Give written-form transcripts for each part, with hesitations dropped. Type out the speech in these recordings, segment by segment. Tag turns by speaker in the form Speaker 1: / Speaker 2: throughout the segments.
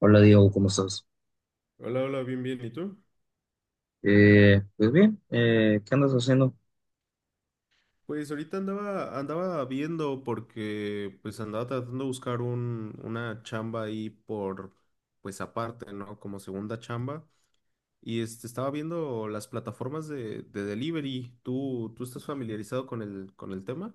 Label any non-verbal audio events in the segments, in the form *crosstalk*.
Speaker 1: Hola Diego, ¿cómo estás?
Speaker 2: Hola, hola, bien, bien. ¿Y tú?
Speaker 1: Pues bien, ¿qué andas haciendo?
Speaker 2: Pues ahorita andaba viendo porque pues andaba tratando de buscar una chamba ahí por, pues aparte, ¿no? Como segunda chamba. Y estaba viendo las plataformas de delivery. ¿Tú estás familiarizado con con el tema?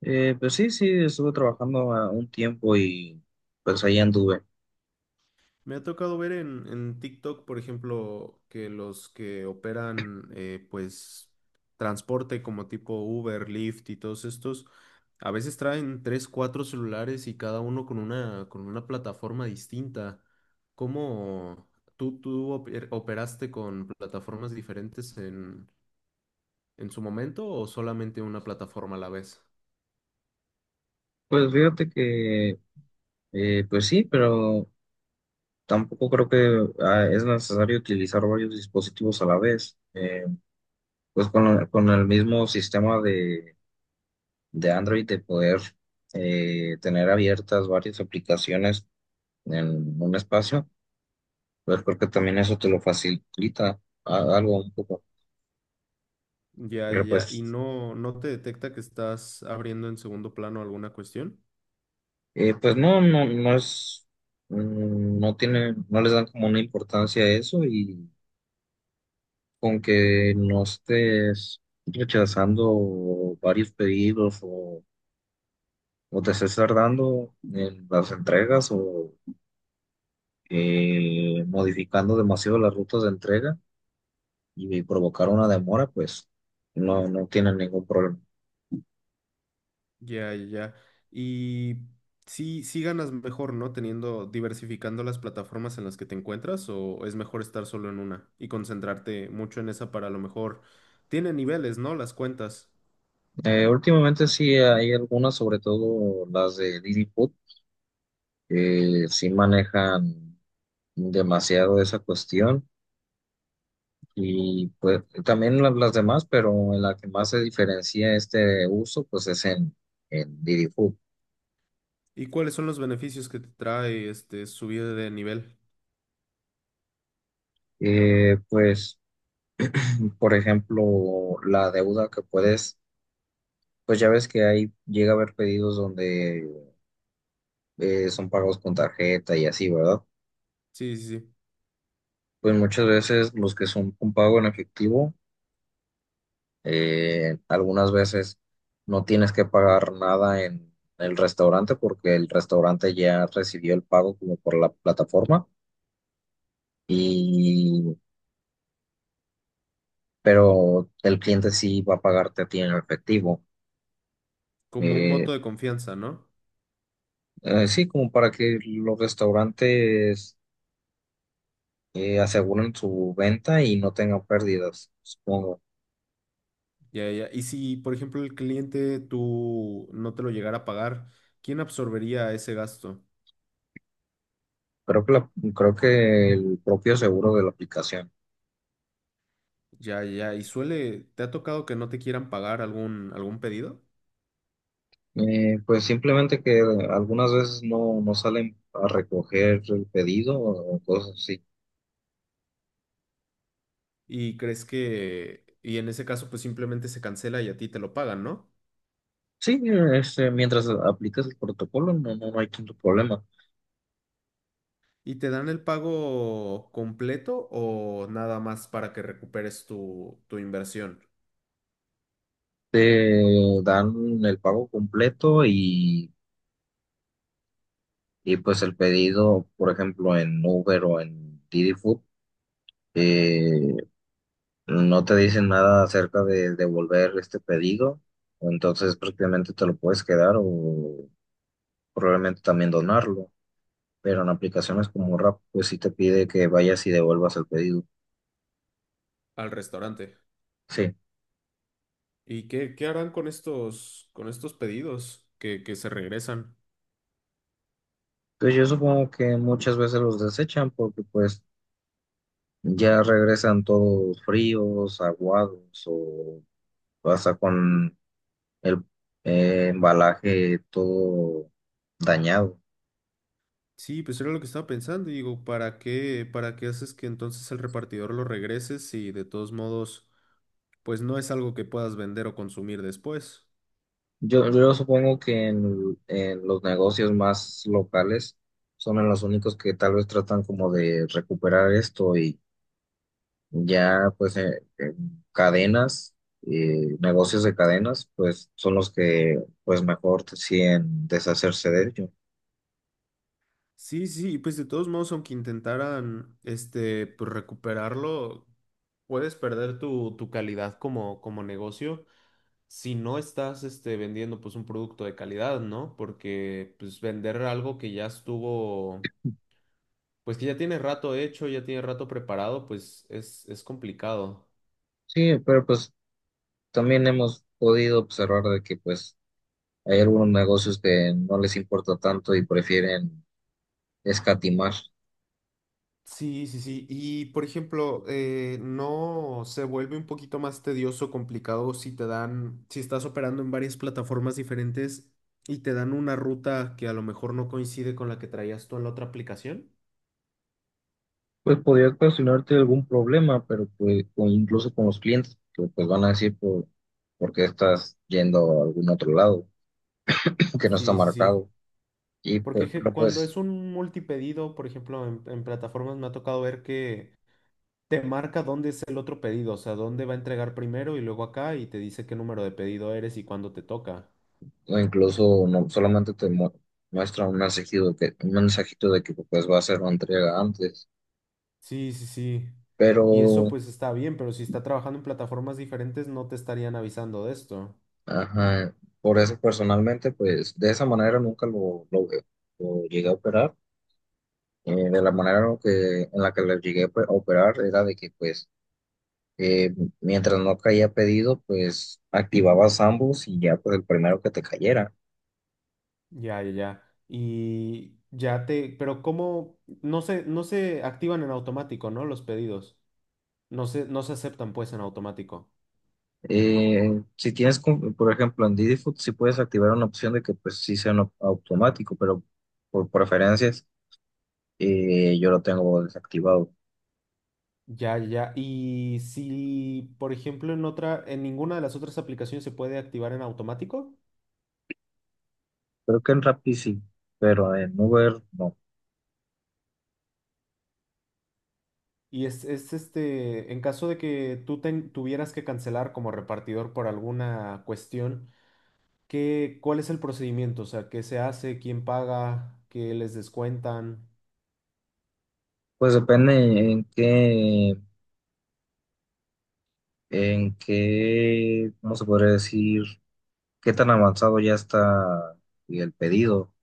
Speaker 1: Pues sí, sí, estuve trabajando a un tiempo y pues ahí anduve.
Speaker 2: Me ha tocado ver en TikTok, por ejemplo, que los que operan, pues, transporte como tipo Uber, Lyft y todos estos, a veces traen tres, cuatro celulares y cada uno con con una plataforma distinta. ¿Cómo tú operaste con plataformas diferentes en su momento o solamente una plataforma a la vez?
Speaker 1: Pues fíjate que, pues sí, pero tampoco creo que es necesario utilizar varios dispositivos a la vez. Pues con el mismo sistema de Android de poder tener abiertas varias aplicaciones en un espacio, pues creo que también eso te lo facilita algo un poco.
Speaker 2: Ya,
Speaker 1: Pero
Speaker 2: ya. ¿Y
Speaker 1: pues
Speaker 2: no te detecta que estás abriendo en segundo plano alguna cuestión?
Speaker 1: Pues no, no, no tiene, no les dan como una importancia a eso, y con que no estés rechazando varios o te estés tardando en las entregas o modificando demasiado las rutas de entrega y provocar una demora, pues no, no tienen ningún problema.
Speaker 2: Ya, ya, ya. Y sí, sí ganas mejor, ¿no? Teniendo, diversificando las plataformas en las que te encuentras, o es mejor estar solo en una y concentrarte mucho en esa para a lo mejor. Tiene niveles, ¿no? Las cuentas.
Speaker 1: Últimamente sí hay algunas, sobre todo las de Didi Food, que sí manejan demasiado esa cuestión, y pues también las demás, pero en la que más se diferencia este uso pues es en Didi Food.
Speaker 2: ¿Y cuáles son los beneficios que te trae este subir de nivel?
Speaker 1: Pues por ejemplo la deuda que puedes, pues ya ves que ahí llega a haber pedidos donde son pagos con tarjeta y así, ¿verdad?
Speaker 2: Sí, sí, sí.
Speaker 1: Pues muchas veces los que son un pago en efectivo. Algunas veces no tienes que pagar nada en el restaurante porque el restaurante ya recibió el pago como por la plataforma, y pero el cliente sí va a pagarte a ti en efectivo.
Speaker 2: Como un
Speaker 1: Eh,
Speaker 2: voto de confianza, ¿no?
Speaker 1: sí, como para que los restaurantes aseguren su venta y no tengan pérdidas, supongo.
Speaker 2: Ya, ya. Y si, por ejemplo, el cliente tú no te lo llegara a pagar, ¿quién absorbería ese gasto?
Speaker 1: Creo que la- Creo que el propio seguro de la aplicación.
Speaker 2: Ya, ya. ¿Y suele, te ha tocado que no te quieran pagar algún pedido?
Speaker 1: Pues simplemente que algunas veces no, no salen a recoger el pedido o cosas así.
Speaker 2: Y crees que, y en ese caso pues simplemente se cancela y a ti te lo pagan, ¿no?
Speaker 1: Sí, este, mientras aplicas el protocolo, no, no, no hay tanto problema.
Speaker 2: ¿Y te dan el pago completo o nada más para que recuperes tu inversión
Speaker 1: Te dan el pago completo y pues el pedido, por ejemplo, en Uber o en Didi Food, eh, no te dicen nada acerca de devolver este pedido, entonces prácticamente te lo puedes quedar o probablemente también donarlo. Pero en aplicaciones como Rap, pues sí te pide que vayas y devuelvas el pedido.
Speaker 2: al restaurante?
Speaker 1: Sí.
Speaker 2: ¿Y qué harán con con estos pedidos que se regresan?
Speaker 1: Entonces yo supongo que muchas veces los desechan porque pues ya regresan todos fríos, aguados, o pasa con el embalaje todo dañado.
Speaker 2: Sí, pues era lo que estaba pensando y digo, ¿para para qué haces que entonces el repartidor lo regrese si de todos modos pues no es algo que puedas vender o consumir después?
Speaker 1: Yo supongo que en los negocios más locales son en los únicos que tal vez tratan como de recuperar esto. Ya, pues, en cadenas, negocios de cadenas, pues, son los que, pues, mejor deciden deshacerse de ello.
Speaker 2: Sí, sí, pues de todos modos, aunque intentaran este, pues recuperarlo, puedes perder tu calidad como negocio si no estás este, vendiendo pues un producto de calidad, ¿no? Porque pues vender algo que ya estuvo, pues que ya tiene rato hecho, ya tiene rato preparado, pues es complicado.
Speaker 1: Sí, pero, pues, también hemos podido observar de que, pues, hay algunos negocios que no les importa tanto y prefieren escatimar.
Speaker 2: Sí, sí, sí. Y por ejemplo, ¿no se vuelve un poquito más tedioso, complicado si te dan, si estás operando en varias plataformas diferentes y te dan una ruta que a lo mejor no coincide con la que traías tú en la otra aplicación?
Speaker 1: Pues, podría ocasionarte algún problema, pero, pues, o incluso con los clientes, que, pues, van a decir, ¿por qué estás yendo a algún otro lado *laughs* que no está
Speaker 2: Sí, sí, sí.
Speaker 1: marcado? Y,
Speaker 2: Porque
Speaker 1: pues, pero,
Speaker 2: cuando
Speaker 1: pues,
Speaker 2: es un multipedido, por ejemplo, en plataformas me ha tocado ver que te marca dónde es el otro pedido, o sea, dónde va a entregar primero y luego acá y te dice qué número de pedido eres y cuándo te toca.
Speaker 1: o incluso no, solamente muestra un un mensajito de que pues va a hacer una entrega antes.
Speaker 2: Sí, sí, sí.
Speaker 1: Pero,
Speaker 2: Y eso pues está bien, pero si está trabajando en plataformas diferentes no te estarían avisando de esto.
Speaker 1: ajá, por eso personalmente, pues de esa manera nunca lo llegué a operar. De la manera en la que lo llegué a operar era de que pues eh, mientras no caía pedido, pues activabas ambos y ya pues el primero que te cayera.
Speaker 2: Ya, ya, ya. Y ya te, pero ¿cómo? No se activan en automático, ¿no? Los pedidos. No se aceptan pues en automático.
Speaker 1: Si tienes, como- por ejemplo, en Didi Food, sí puedes activar una opción de que pues sí sea no- automático, pero por preferencias yo lo tengo desactivado.
Speaker 2: Ya, ya. Y si, por ejemplo, en ninguna de las otras aplicaciones se puede activar en automático.
Speaker 1: Creo que en Rappi sí, pero en Uber no.
Speaker 2: Y es este, en caso de que tú tuvieras que cancelar como repartidor por alguna cuestión. ¿Qué, cuál es el procedimiento? O sea, ¿qué se hace? ¿Quién paga? ¿Qué les descuentan?
Speaker 1: Pues depende en qué, en qué, ¿cómo se podría decir? ¿Qué tan avanzado ya está el pedido?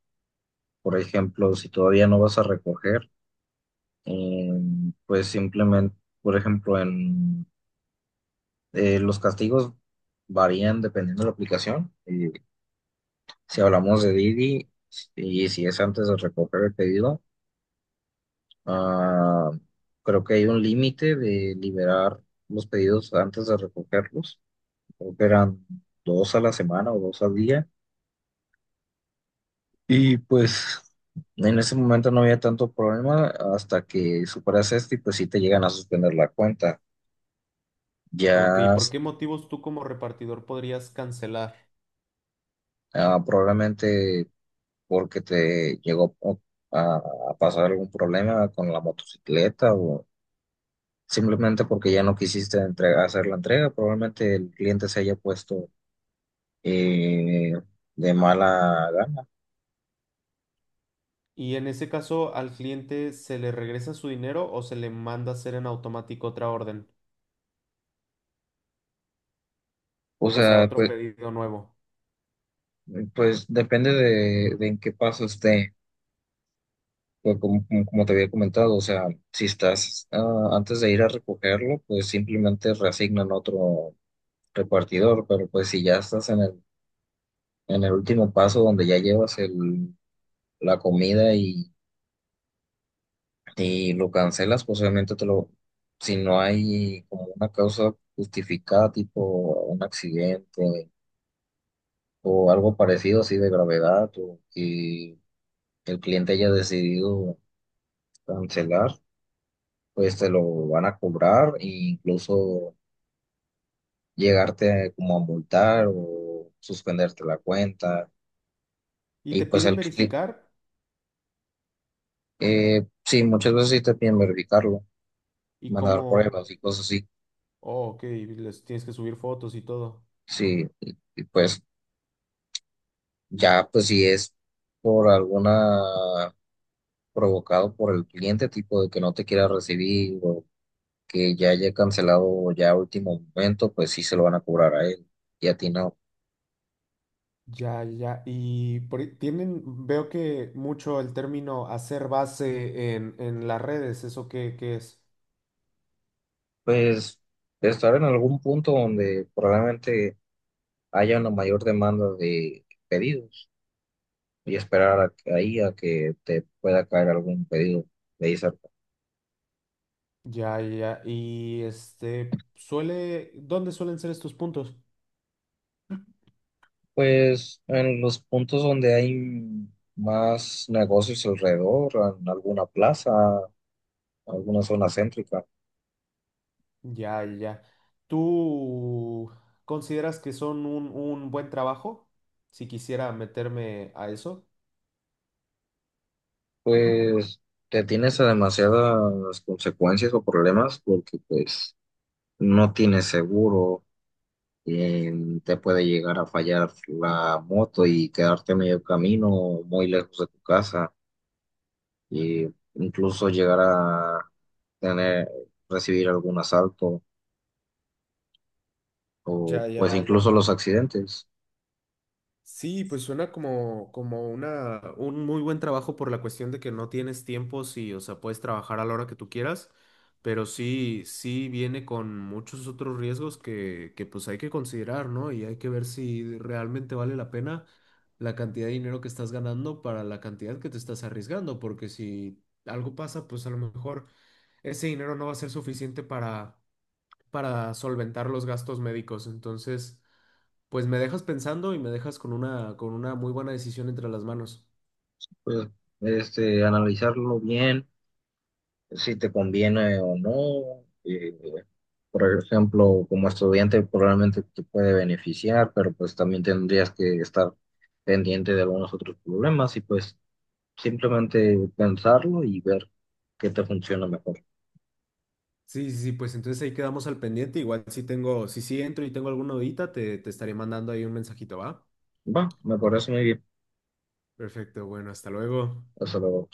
Speaker 1: Por ejemplo, si todavía no vas a recoger, eh, pues simplemente, por ejemplo, en los castigos varían dependiendo de la aplicación. Si hablamos de Didi y si es antes de recoger el pedido, ah, creo que hay un límite de liberar los pedidos antes de recogerlos. Creo que eran dos a la semana o dos al día. Y pues en ese momento no había tanto problema hasta que superas esto y pues sí te llegan a suspender la cuenta.
Speaker 2: Ok,
Speaker 1: Ya
Speaker 2: ¿por qué motivos tú como repartidor podrías cancelar?
Speaker 1: probablemente porque te llegó a, a pasar algún problema con la motocicleta, o simplemente porque ya no quisiste hacer la entrega, probablemente el cliente se haya puesto eh, de mala gana.
Speaker 2: Y en ese caso, ¿al cliente se le regresa su dinero o se le manda a hacer en automático otra orden?
Speaker 1: O
Speaker 2: O sea,
Speaker 1: sea,
Speaker 2: otro
Speaker 1: pues,
Speaker 2: pedido nuevo.
Speaker 1: pues depende de en qué paso esté. Pues como, como te había comentado, o sea, si estás antes de ir a recogerlo, pues simplemente reasignan otro repartidor, pero pues si ya estás en en el último paso donde ya llevas el la comida y lo cancelas, pues obviamente te lo, si no hay como una causa justificada, tipo un accidente o algo parecido así de gravedad, o que el cliente haya decidido cancelar, pues te lo van a cobrar e incluso como a multar o suspenderte la cuenta.
Speaker 2: Y
Speaker 1: Y
Speaker 2: te
Speaker 1: pues
Speaker 2: piden
Speaker 1: el cliente,
Speaker 2: verificar
Speaker 1: sí, muchas veces sí te piden verificarlo,
Speaker 2: y
Speaker 1: mandar
Speaker 2: cómo,
Speaker 1: pruebas y cosas así.
Speaker 2: oh, ok, les tienes que subir fotos y todo.
Speaker 1: Sí, y, pues ya, pues si es por alguna provocado por el cliente, tipo de que no te quiera recibir o que ya haya cancelado ya a último momento, pues sí se lo van a cobrar a él y a ti no.
Speaker 2: Ya, ya. Y por ahí tienen, veo que mucho el término hacer base en las redes, ¿eso qué, qué es?
Speaker 1: Pues estar en algún punto donde probablemente haya una mayor demanda de pedidos y esperar ahí a que te pueda caer algún pedido de ahí cerca.
Speaker 2: Ya, ya. Y este, suele, ¿dónde suelen ser estos puntos?
Speaker 1: Pues en los puntos donde hay más negocios alrededor, en alguna plaza, alguna zona céntrica,
Speaker 2: Ya, ya. ¿Tú consideras que son un buen trabajo? Si quisiera meterme a eso.
Speaker 1: pues te tienes a demasiadas consecuencias o problemas porque pues no tienes seguro, eh, te puede llegar a fallar la moto y quedarte a medio camino o muy lejos de tu casa, e incluso llegar a tener, recibir algún asalto, o
Speaker 2: Ya, ya.
Speaker 1: pues incluso los accidentes.
Speaker 2: Sí, pues suena como, como una, un muy buen trabajo por la cuestión de que no tienes tiempo, sí, o sea, puedes trabajar a la hora que tú quieras, pero sí, sí viene con muchos otros riesgos que pues hay que considerar, ¿no? Y hay que ver si realmente vale la pena la cantidad de dinero que estás ganando para la cantidad que te estás arriesgando, porque si algo pasa, pues a lo mejor ese dinero no va a ser suficiente para solventar los gastos médicos, entonces... Pues me dejas pensando y me dejas con una muy buena decisión entre las manos.
Speaker 1: Pues este, analizarlo bien si te conviene o no. Eh, por ejemplo, como estudiante probablemente te puede beneficiar, pero pues también tendrías que estar pendiente de algunos otros problemas, y pues simplemente pensarlo y ver qué te funciona mejor.
Speaker 2: Sí, sí, sí, pues entonces ahí quedamos al pendiente. Igual si tengo, si sí entro y tengo alguna dudita, te estaré mandando ahí un mensajito, ¿va?
Speaker 1: Va, me parece muy bien.
Speaker 2: Perfecto, bueno, hasta luego.
Speaker 1: Hasta luego.